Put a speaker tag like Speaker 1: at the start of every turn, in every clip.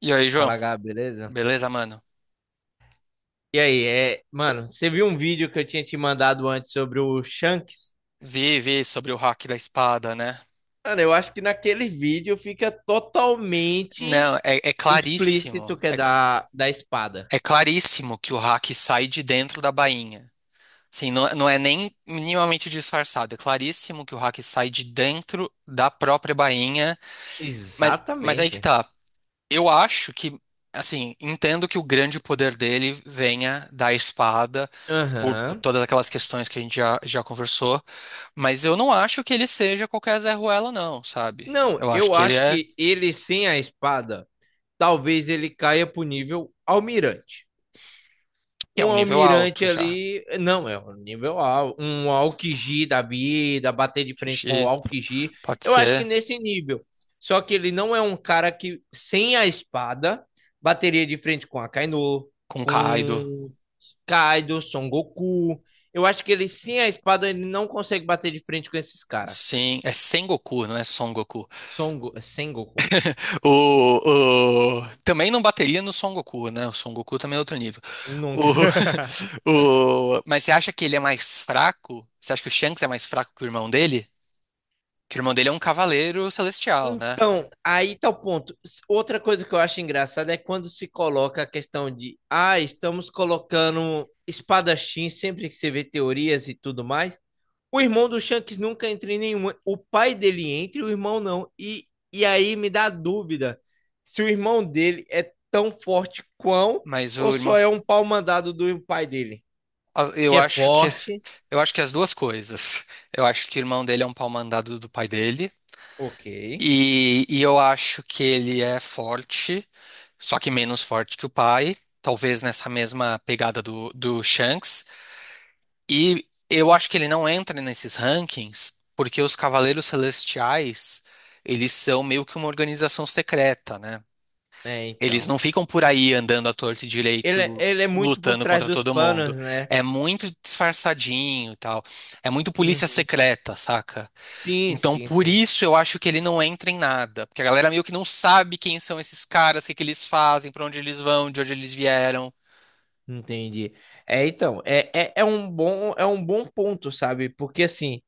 Speaker 1: E aí, João?
Speaker 2: Fala, Gabi, beleza?
Speaker 1: Beleza, mano?
Speaker 2: E aí, mano, você viu um vídeo que eu tinha te mandado antes sobre o Shanks?
Speaker 1: Vi sobre o hack da espada, né?
Speaker 2: Mano, eu acho que naquele vídeo fica totalmente
Speaker 1: Não, é claríssimo.
Speaker 2: explícito que é
Speaker 1: É, cl-
Speaker 2: da espada.
Speaker 1: é claríssimo que o hack sai de dentro da bainha. Assim, não é nem minimamente disfarçado. É claríssimo que o hack sai de dentro da própria bainha. Mas aí que
Speaker 2: Exatamente.
Speaker 1: tá. Eu acho que, assim, entendo que o grande poder dele venha da espada, por
Speaker 2: Aham.
Speaker 1: todas aquelas questões que a gente já conversou. Mas eu não acho que ele seja qualquer Zé Ruela, não, sabe?
Speaker 2: Não,
Speaker 1: Eu acho
Speaker 2: eu acho que ele sem a espada, talvez ele caia pro nível almirante.
Speaker 1: que é
Speaker 2: Um
Speaker 1: um nível
Speaker 2: almirante
Speaker 1: alto já.
Speaker 2: ali, não, é um nível alto, um Alkiji da vida, bater de frente com o
Speaker 1: Xixi,
Speaker 2: Alkiji,
Speaker 1: pode
Speaker 2: eu acho que
Speaker 1: ser
Speaker 2: nesse nível. Só que ele não é um cara que, sem a espada, bateria de frente com a Kaino,
Speaker 1: com Kaido.
Speaker 2: com Kaido, Son Goku. Eu acho que ele, sem a espada, ele não consegue bater de frente com esses caras.
Speaker 1: Sim, é Sengoku, não é Son Goku.
Speaker 2: Son Go... Sem Goku.
Speaker 1: Também não bateria no Son Goku, né? O Son Goku também é outro nível.
Speaker 2: Nunca.
Speaker 1: O, Mas você acha que ele é mais fraco? Você acha que o Shanks é mais fraco que o irmão dele? Que o irmão dele é um cavaleiro celestial, né?
Speaker 2: Então, aí tá o ponto. Outra coisa que eu acho engraçada é quando se coloca a questão de, ah, estamos colocando espadachim sempre que você vê teorias e tudo mais. O irmão do Shanks nunca entra em nenhuma. O pai dele entra e o irmão não. E aí me dá dúvida se o irmão dele é tão forte quão
Speaker 1: Mas
Speaker 2: ou
Speaker 1: o
Speaker 2: só
Speaker 1: irmão.
Speaker 2: é um pau mandado do pai dele.
Speaker 1: Eu
Speaker 2: Que é
Speaker 1: acho que.
Speaker 2: forte,
Speaker 1: Eu acho que as duas coisas. Eu acho que o irmão dele é um pau mandado do pai dele.
Speaker 2: ok.
Speaker 1: E eu acho que ele é forte, só que menos forte que o pai. Talvez nessa mesma pegada do Shanks. E eu acho que ele não entra nesses rankings porque os Cavaleiros Celestiais, eles são meio que uma organização secreta, né?
Speaker 2: É,
Speaker 1: Eles
Speaker 2: então.
Speaker 1: não ficam por aí andando à torto e direito,
Speaker 2: Ele é muito por
Speaker 1: lutando
Speaker 2: trás
Speaker 1: contra
Speaker 2: dos
Speaker 1: todo mundo.
Speaker 2: panos, né?
Speaker 1: É muito disfarçadinho e tal. É muito polícia
Speaker 2: Uhum.
Speaker 1: secreta, saca? Então, por
Speaker 2: Sim.
Speaker 1: isso eu acho que ele não entra em nada. Porque a galera meio que não sabe quem são esses caras, o que que eles fazem, pra onde eles vão, de onde eles vieram.
Speaker 2: Entendi. É, então, é um bom ponto, sabe? Porque assim,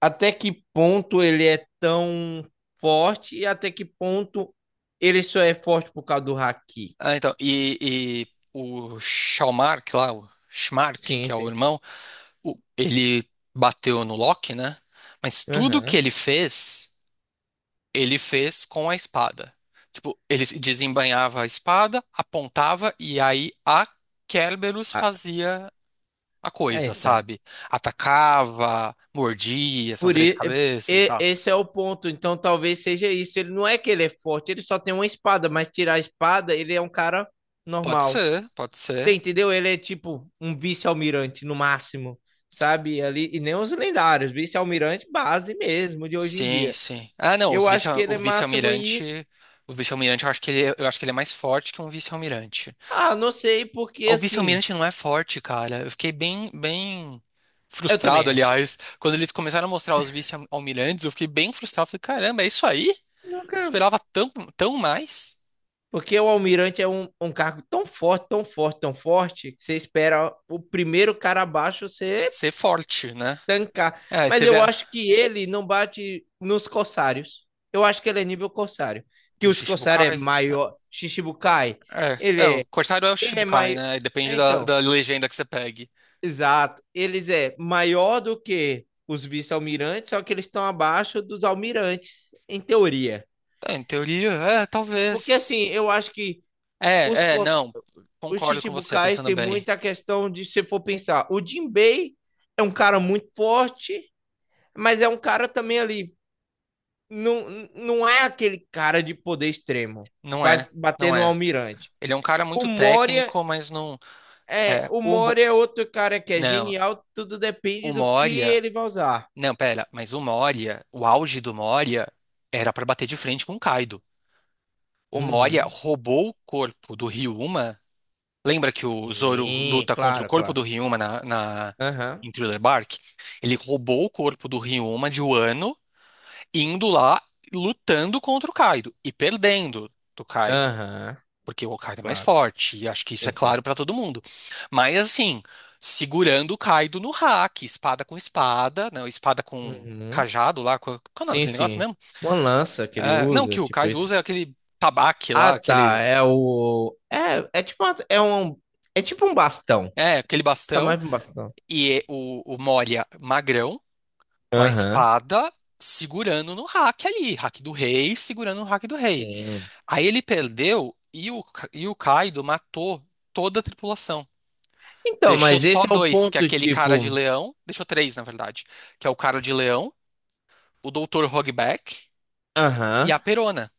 Speaker 2: até que ponto ele é tão forte e até que ponto ele só é forte por causa do haki.
Speaker 1: Ah, então, e o Shalmark lá, o Schmark,
Speaker 2: Sim,
Speaker 1: que é o
Speaker 2: sim.
Speaker 1: irmão, ele bateu no Loki, né? Mas tudo que
Speaker 2: Aham.
Speaker 1: ele fez, ele fez com a espada. Tipo, ele desembainhava a espada, apontava e aí a Kerberos
Speaker 2: Ah,
Speaker 1: fazia a
Speaker 2: é,
Speaker 1: coisa,
Speaker 2: então.
Speaker 1: sabe? Atacava, mordia, são
Speaker 2: Por
Speaker 1: três
Speaker 2: i- é,
Speaker 1: cabeças e
Speaker 2: e-
Speaker 1: tal.
Speaker 2: esse é o ponto. Então, talvez seja isso. Ele não é que ele é forte, ele só tem uma espada, mas tirar a espada, ele é um cara
Speaker 1: Pode
Speaker 2: normal.
Speaker 1: ser, pode
Speaker 2: Você
Speaker 1: ser.
Speaker 2: entendeu? Ele é tipo um vice-almirante no máximo, sabe? Ali, e nem os lendários, vice-almirante base mesmo de hoje em
Speaker 1: Sim,
Speaker 2: dia.
Speaker 1: sim. Ah, não,
Speaker 2: Eu acho que ele
Speaker 1: o
Speaker 2: é máximo isso.
Speaker 1: vice-almirante, eu acho que eu acho que ele é mais forte que um vice-almirante.
Speaker 2: Ah, não sei, porque
Speaker 1: Ah, o
Speaker 2: assim,
Speaker 1: vice-almirante não é forte, cara. Eu fiquei bem, bem
Speaker 2: eu
Speaker 1: frustrado,
Speaker 2: também acho.
Speaker 1: aliás. Quando eles começaram a mostrar os vice-almirantes, eu fiquei bem frustrado. Falei, caramba, é isso aí?
Speaker 2: Nunca.
Speaker 1: Esperava tão, tão mais
Speaker 2: Porque o almirante é um cargo tão forte, tão forte, tão forte, que você espera o primeiro cara abaixo você
Speaker 1: ser forte, né?
Speaker 2: tancar.
Speaker 1: É, aí
Speaker 2: Mas
Speaker 1: você vê.
Speaker 2: eu
Speaker 1: a-
Speaker 2: acho que ele não bate nos corsários. Eu acho que ele é nível corsário. Que
Speaker 1: Do
Speaker 2: os corsários é
Speaker 1: Shichibukai?
Speaker 2: maior. Shichibukai,
Speaker 1: É, o
Speaker 2: ele
Speaker 1: Corsário é o
Speaker 2: ele é
Speaker 1: Shichibukai,
Speaker 2: maior.
Speaker 1: né? E depende da,
Speaker 2: Então,
Speaker 1: da legenda que você pegue.
Speaker 2: exato. Eles é maior do que os vice-almirantes, só que eles estão abaixo dos almirantes, em teoria.
Speaker 1: É, em teoria, é,
Speaker 2: Porque assim,
Speaker 1: talvez.
Speaker 2: eu acho que os,
Speaker 1: É, é,
Speaker 2: cos-
Speaker 1: não.
Speaker 2: os
Speaker 1: Concordo com você,
Speaker 2: Chichibukais
Speaker 1: pensando
Speaker 2: têm
Speaker 1: bem.
Speaker 2: muita questão de se for pensar. O Jinbei é um cara muito forte, mas é um cara também ali. Não, não é aquele cara de poder extremo,
Speaker 1: Não é,
Speaker 2: pra bater
Speaker 1: não
Speaker 2: no
Speaker 1: é.
Speaker 2: almirante.
Speaker 1: Ele é um cara
Speaker 2: O
Speaker 1: muito
Speaker 2: Moria
Speaker 1: técnico, mas não.
Speaker 2: é,
Speaker 1: É,
Speaker 2: o Moro é outro cara que é
Speaker 1: não.
Speaker 2: genial, tudo depende
Speaker 1: O
Speaker 2: do que
Speaker 1: Moria.
Speaker 2: ele vai usar.
Speaker 1: Não, pera, mas o Moria, o auge do Moria era pra bater de frente com o Kaido. O Moria
Speaker 2: Uhum.
Speaker 1: roubou o corpo do Ryuma. Lembra que o Zoro
Speaker 2: Sim,
Speaker 1: luta contra o
Speaker 2: claro,
Speaker 1: corpo do
Speaker 2: claro.
Speaker 1: Ryuma
Speaker 2: Aham,
Speaker 1: em Thriller Bark? Ele roubou o corpo do Ryuma de Wano, indo lá lutando contra o Kaido e perdendo do Kaido
Speaker 2: aham,
Speaker 1: porque o Kaido é mais
Speaker 2: claro.
Speaker 1: forte, e acho que isso é
Speaker 2: Sim, sim.
Speaker 1: claro pra todo mundo. Mas assim, segurando o Kaido no hack, espada com espada, não, espada com
Speaker 2: Uhum.
Speaker 1: cajado lá, qual é o nome
Speaker 2: Sim,
Speaker 1: daquele negócio
Speaker 2: sim.
Speaker 1: mesmo?
Speaker 2: Uma lança que ele
Speaker 1: É, não,
Speaker 2: usa,
Speaker 1: que o
Speaker 2: tipo
Speaker 1: Kaido
Speaker 2: isso.
Speaker 1: usa aquele tabaque lá,
Speaker 2: Ah, tá, é o... é tipo um bastão.
Speaker 1: aquele
Speaker 2: Tá
Speaker 1: bastão,
Speaker 2: mais pra um bastão.
Speaker 1: e o Moria magrão com a
Speaker 2: Aham,
Speaker 1: espada segurando no hack ali, hack do rei, segurando no hack do rei.
Speaker 2: sim.
Speaker 1: Aí ele perdeu e o Kaido matou toda a tripulação.
Speaker 2: Então,
Speaker 1: Deixou
Speaker 2: mas
Speaker 1: só
Speaker 2: esse é o
Speaker 1: dois, que é
Speaker 2: ponto,
Speaker 1: aquele cara de
Speaker 2: tipo...
Speaker 1: leão. Deixou três, na verdade. Que é o cara de leão, o doutor Hogback e
Speaker 2: Aham,
Speaker 1: a Perona.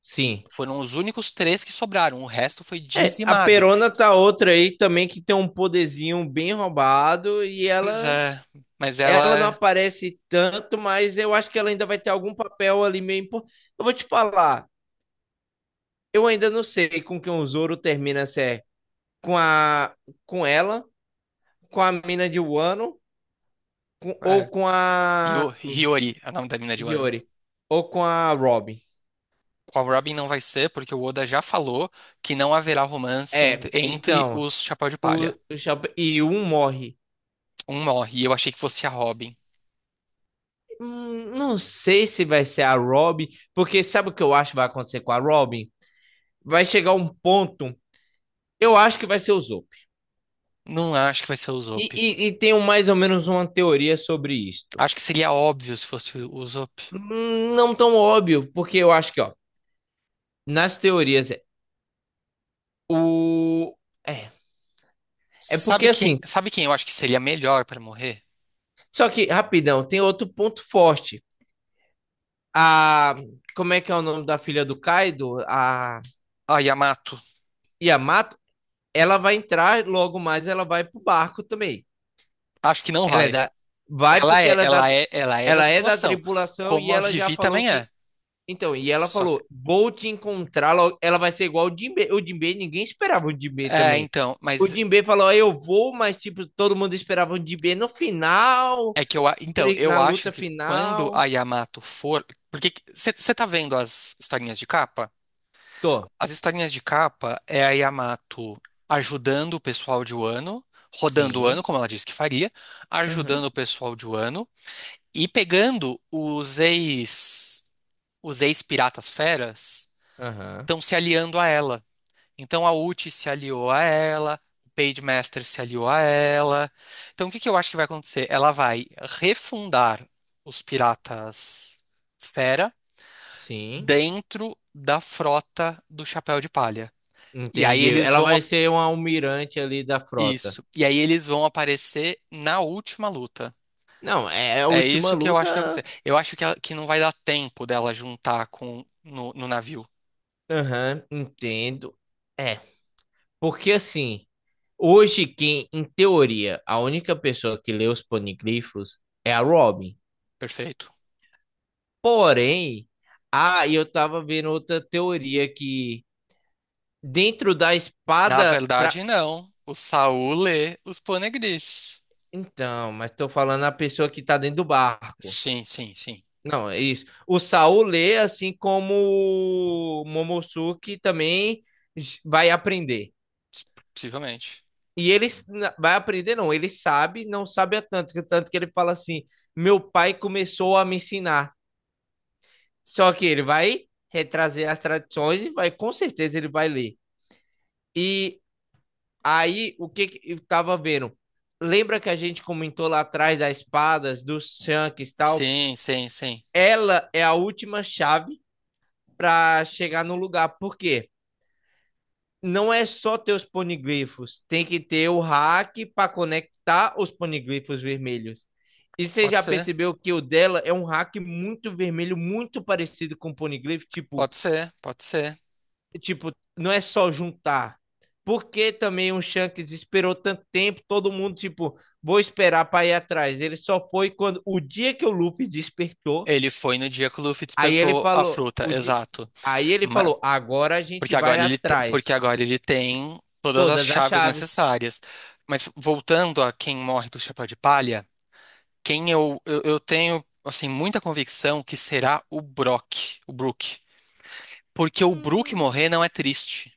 Speaker 2: sim.
Speaker 1: Foram os únicos três que sobraram. O resto foi
Speaker 2: É, a
Speaker 1: dizimado.
Speaker 2: Perona tá outra aí também que tem um poderzinho bem roubado e
Speaker 1: Pois é, mas
Speaker 2: ela não
Speaker 1: ela.
Speaker 2: aparece tanto, mas eu acho que ela ainda vai ter algum papel ali meio importante. Eu vou te falar, eu ainda não sei com quem o Zoro termina, se é com a com ela, com a mina de Wano com- ou
Speaker 1: É,
Speaker 2: com
Speaker 1: Hio-
Speaker 2: a
Speaker 1: Hiyori, é o nome da mina de Wano.
Speaker 2: Hiyori ou com a Robin.
Speaker 1: Com a Robin não vai ser, porque o Oda já falou que não haverá romance
Speaker 2: É,
Speaker 1: entre
Speaker 2: então,
Speaker 1: os Chapéu de Palha.
Speaker 2: o Chapéu- e um morre.
Speaker 1: Um morre, e eu achei que fosse a Robin.
Speaker 2: Não sei se vai ser a Robin, porque sabe o que eu acho que vai acontecer com a Robin? Vai chegar um ponto, eu acho que vai ser o Zope
Speaker 1: Não acho que vai ser o
Speaker 2: E,
Speaker 1: Usopp.
Speaker 2: e, e tenho mais ou menos uma teoria sobre isto.
Speaker 1: Acho que seria óbvio se fosse o Usopp.
Speaker 2: Não tão óbvio, porque eu acho que, ó, nas teorias, é- o. É, porque assim,
Speaker 1: Sabe quem eu acho que seria melhor pra morrer?
Speaker 2: só que, rapidão, tem outro ponto forte. A. Como é que é o nome da filha do Kaido? A
Speaker 1: A Yamato.
Speaker 2: Yamato, ela vai entrar logo mais, ela vai pro barco também.
Speaker 1: Acho que não
Speaker 2: Ela é
Speaker 1: vai.
Speaker 2: da. Vai
Speaker 1: Ela
Speaker 2: porque
Speaker 1: é,
Speaker 2: ela é da.
Speaker 1: ela é, ela é da
Speaker 2: Ela é da
Speaker 1: tripulação,
Speaker 2: tripulação e
Speaker 1: como a
Speaker 2: ela já
Speaker 1: Vivi
Speaker 2: falou
Speaker 1: também
Speaker 2: que.
Speaker 1: é.
Speaker 2: Então, e ela
Speaker 1: Só que
Speaker 2: falou: vou te encontrar, logo. Ela vai ser igual o Jimbe. O Jimbe, ninguém esperava o Jimbe
Speaker 1: é,
Speaker 2: também.
Speaker 1: então,
Speaker 2: O Jimbe falou: "Ah, eu vou, mas tipo, todo mundo esperava o Jimbe no final,
Speaker 1: eu
Speaker 2: na
Speaker 1: acho
Speaker 2: luta
Speaker 1: que quando a
Speaker 2: final."
Speaker 1: Yamato for, porque você tá vendo as historinhas de capa?
Speaker 2: Tô.
Speaker 1: As historinhas de capa é a Yamato ajudando o pessoal de Wano, rodando o
Speaker 2: Sim.
Speaker 1: Wano, como ela disse que faria,
Speaker 2: Aham,
Speaker 1: ajudando
Speaker 2: uhum.
Speaker 1: o pessoal de Wano e pegando os ex-piratas feras
Speaker 2: Aham, uhum.
Speaker 1: estão se aliando a ela. Então a Uchi se aliou a ela, o Page Master se aliou a ela. Então o que que eu acho que vai acontecer? Ela vai refundar os piratas fera
Speaker 2: Sim.
Speaker 1: dentro da frota do Chapéu de Palha. E aí
Speaker 2: Entendi.
Speaker 1: eles
Speaker 2: Ela
Speaker 1: vão
Speaker 2: vai ser um almirante ali da frota.
Speaker 1: isso. E aí eles vão aparecer na última luta.
Speaker 2: Não, é a
Speaker 1: É
Speaker 2: última
Speaker 1: isso que eu acho que vai acontecer.
Speaker 2: luta.
Speaker 1: Eu acho que, que não vai dar tempo dela juntar com no navio.
Speaker 2: Aham, entendo. É, porque assim. Hoje, quem, em teoria, a única pessoa que lê os paneglifos é a Robin.
Speaker 1: Perfeito.
Speaker 2: Porém, ah, e eu tava vendo outra teoria que dentro da
Speaker 1: Na
Speaker 2: espada pra...
Speaker 1: verdade, não. O Saul lê os Poneglyphs.
Speaker 2: Então, mas tô falando a pessoa que tá dentro do barco.
Speaker 1: Sim, sim, sim.
Speaker 2: Não, é isso. O Saul lê, assim como o Momosuke também vai aprender.
Speaker 1: Possivelmente.
Speaker 2: Vai aprender, não. Ele sabe, não sabe a tanto que ele fala assim: meu pai começou a me ensinar. Só que ele vai retrazer as tradições e vai, com certeza, ele vai ler. E aí, o que, que eu tava vendo? Lembra que a gente comentou lá atrás das espadas, dos shanks e tal?
Speaker 1: Sim, sim, sim.
Speaker 2: Ela é a última chave para chegar no lugar. Por quê? Não é só ter os poniglifos, tem que ter o hack para conectar os poniglifos vermelhos. E você
Speaker 1: Pode
Speaker 2: já
Speaker 1: ser,
Speaker 2: percebeu que o dela é um hack muito vermelho, muito parecido com o poniglifo, tipo
Speaker 1: pode ser, pode ser.
Speaker 2: tipo, não é só juntar. Porque também o Shanks esperou tanto tempo, todo mundo, tipo, vou esperar para ir atrás. Ele só foi quando o dia que o Luffy despertou,
Speaker 1: Ele foi no dia que o Luffy
Speaker 2: aí ele
Speaker 1: despertou a
Speaker 2: falou,
Speaker 1: fruta,
Speaker 2: o di...
Speaker 1: exato.
Speaker 2: aí ele
Speaker 1: Ma-
Speaker 2: falou, agora a gente
Speaker 1: porque
Speaker 2: vai
Speaker 1: agora ele, te- porque
Speaker 2: atrás.
Speaker 1: agora ele tem todas as
Speaker 2: Todas as
Speaker 1: chaves
Speaker 2: chaves.
Speaker 1: necessárias. Mas voltando a quem morre do chapéu de palha, quem eu tenho assim muita convicção que será o Brock, o Brook. Porque o Brook
Speaker 2: Hum,
Speaker 1: morrer não é triste.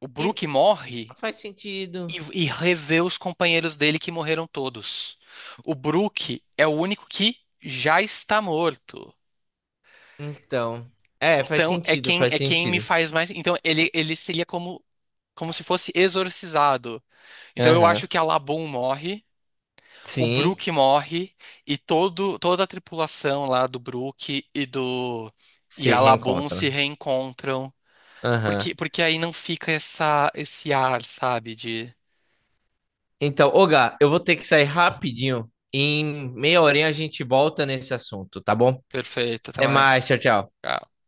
Speaker 1: O
Speaker 2: e
Speaker 1: Brook morre
Speaker 2: faz sentido.
Speaker 1: e revê os companheiros dele que morreram todos. O Brook é o único que já está morto.
Speaker 2: Então, é, faz
Speaker 1: Então
Speaker 2: sentido, faz
Speaker 1: é quem me
Speaker 2: sentido.
Speaker 1: faz mais. Então ele seria como, se fosse exorcizado. Então eu acho
Speaker 2: Aham.
Speaker 1: que a Laboon morre, o
Speaker 2: Sim,
Speaker 1: Brook morre e todo, toda a tripulação lá do Brook e
Speaker 2: se
Speaker 1: a Laboon se
Speaker 2: reencontram.
Speaker 1: reencontram.
Speaker 2: Aham.
Speaker 1: Porque aí não fica essa, esse ar, sabe, de
Speaker 2: Então, ô Gá, eu vou ter que sair rapidinho. Em meia horinha a gente volta nesse assunto, tá bom?
Speaker 1: perfeito, até
Speaker 2: Até mais, tchau,
Speaker 1: mais.
Speaker 2: tchau.
Speaker 1: Tchau.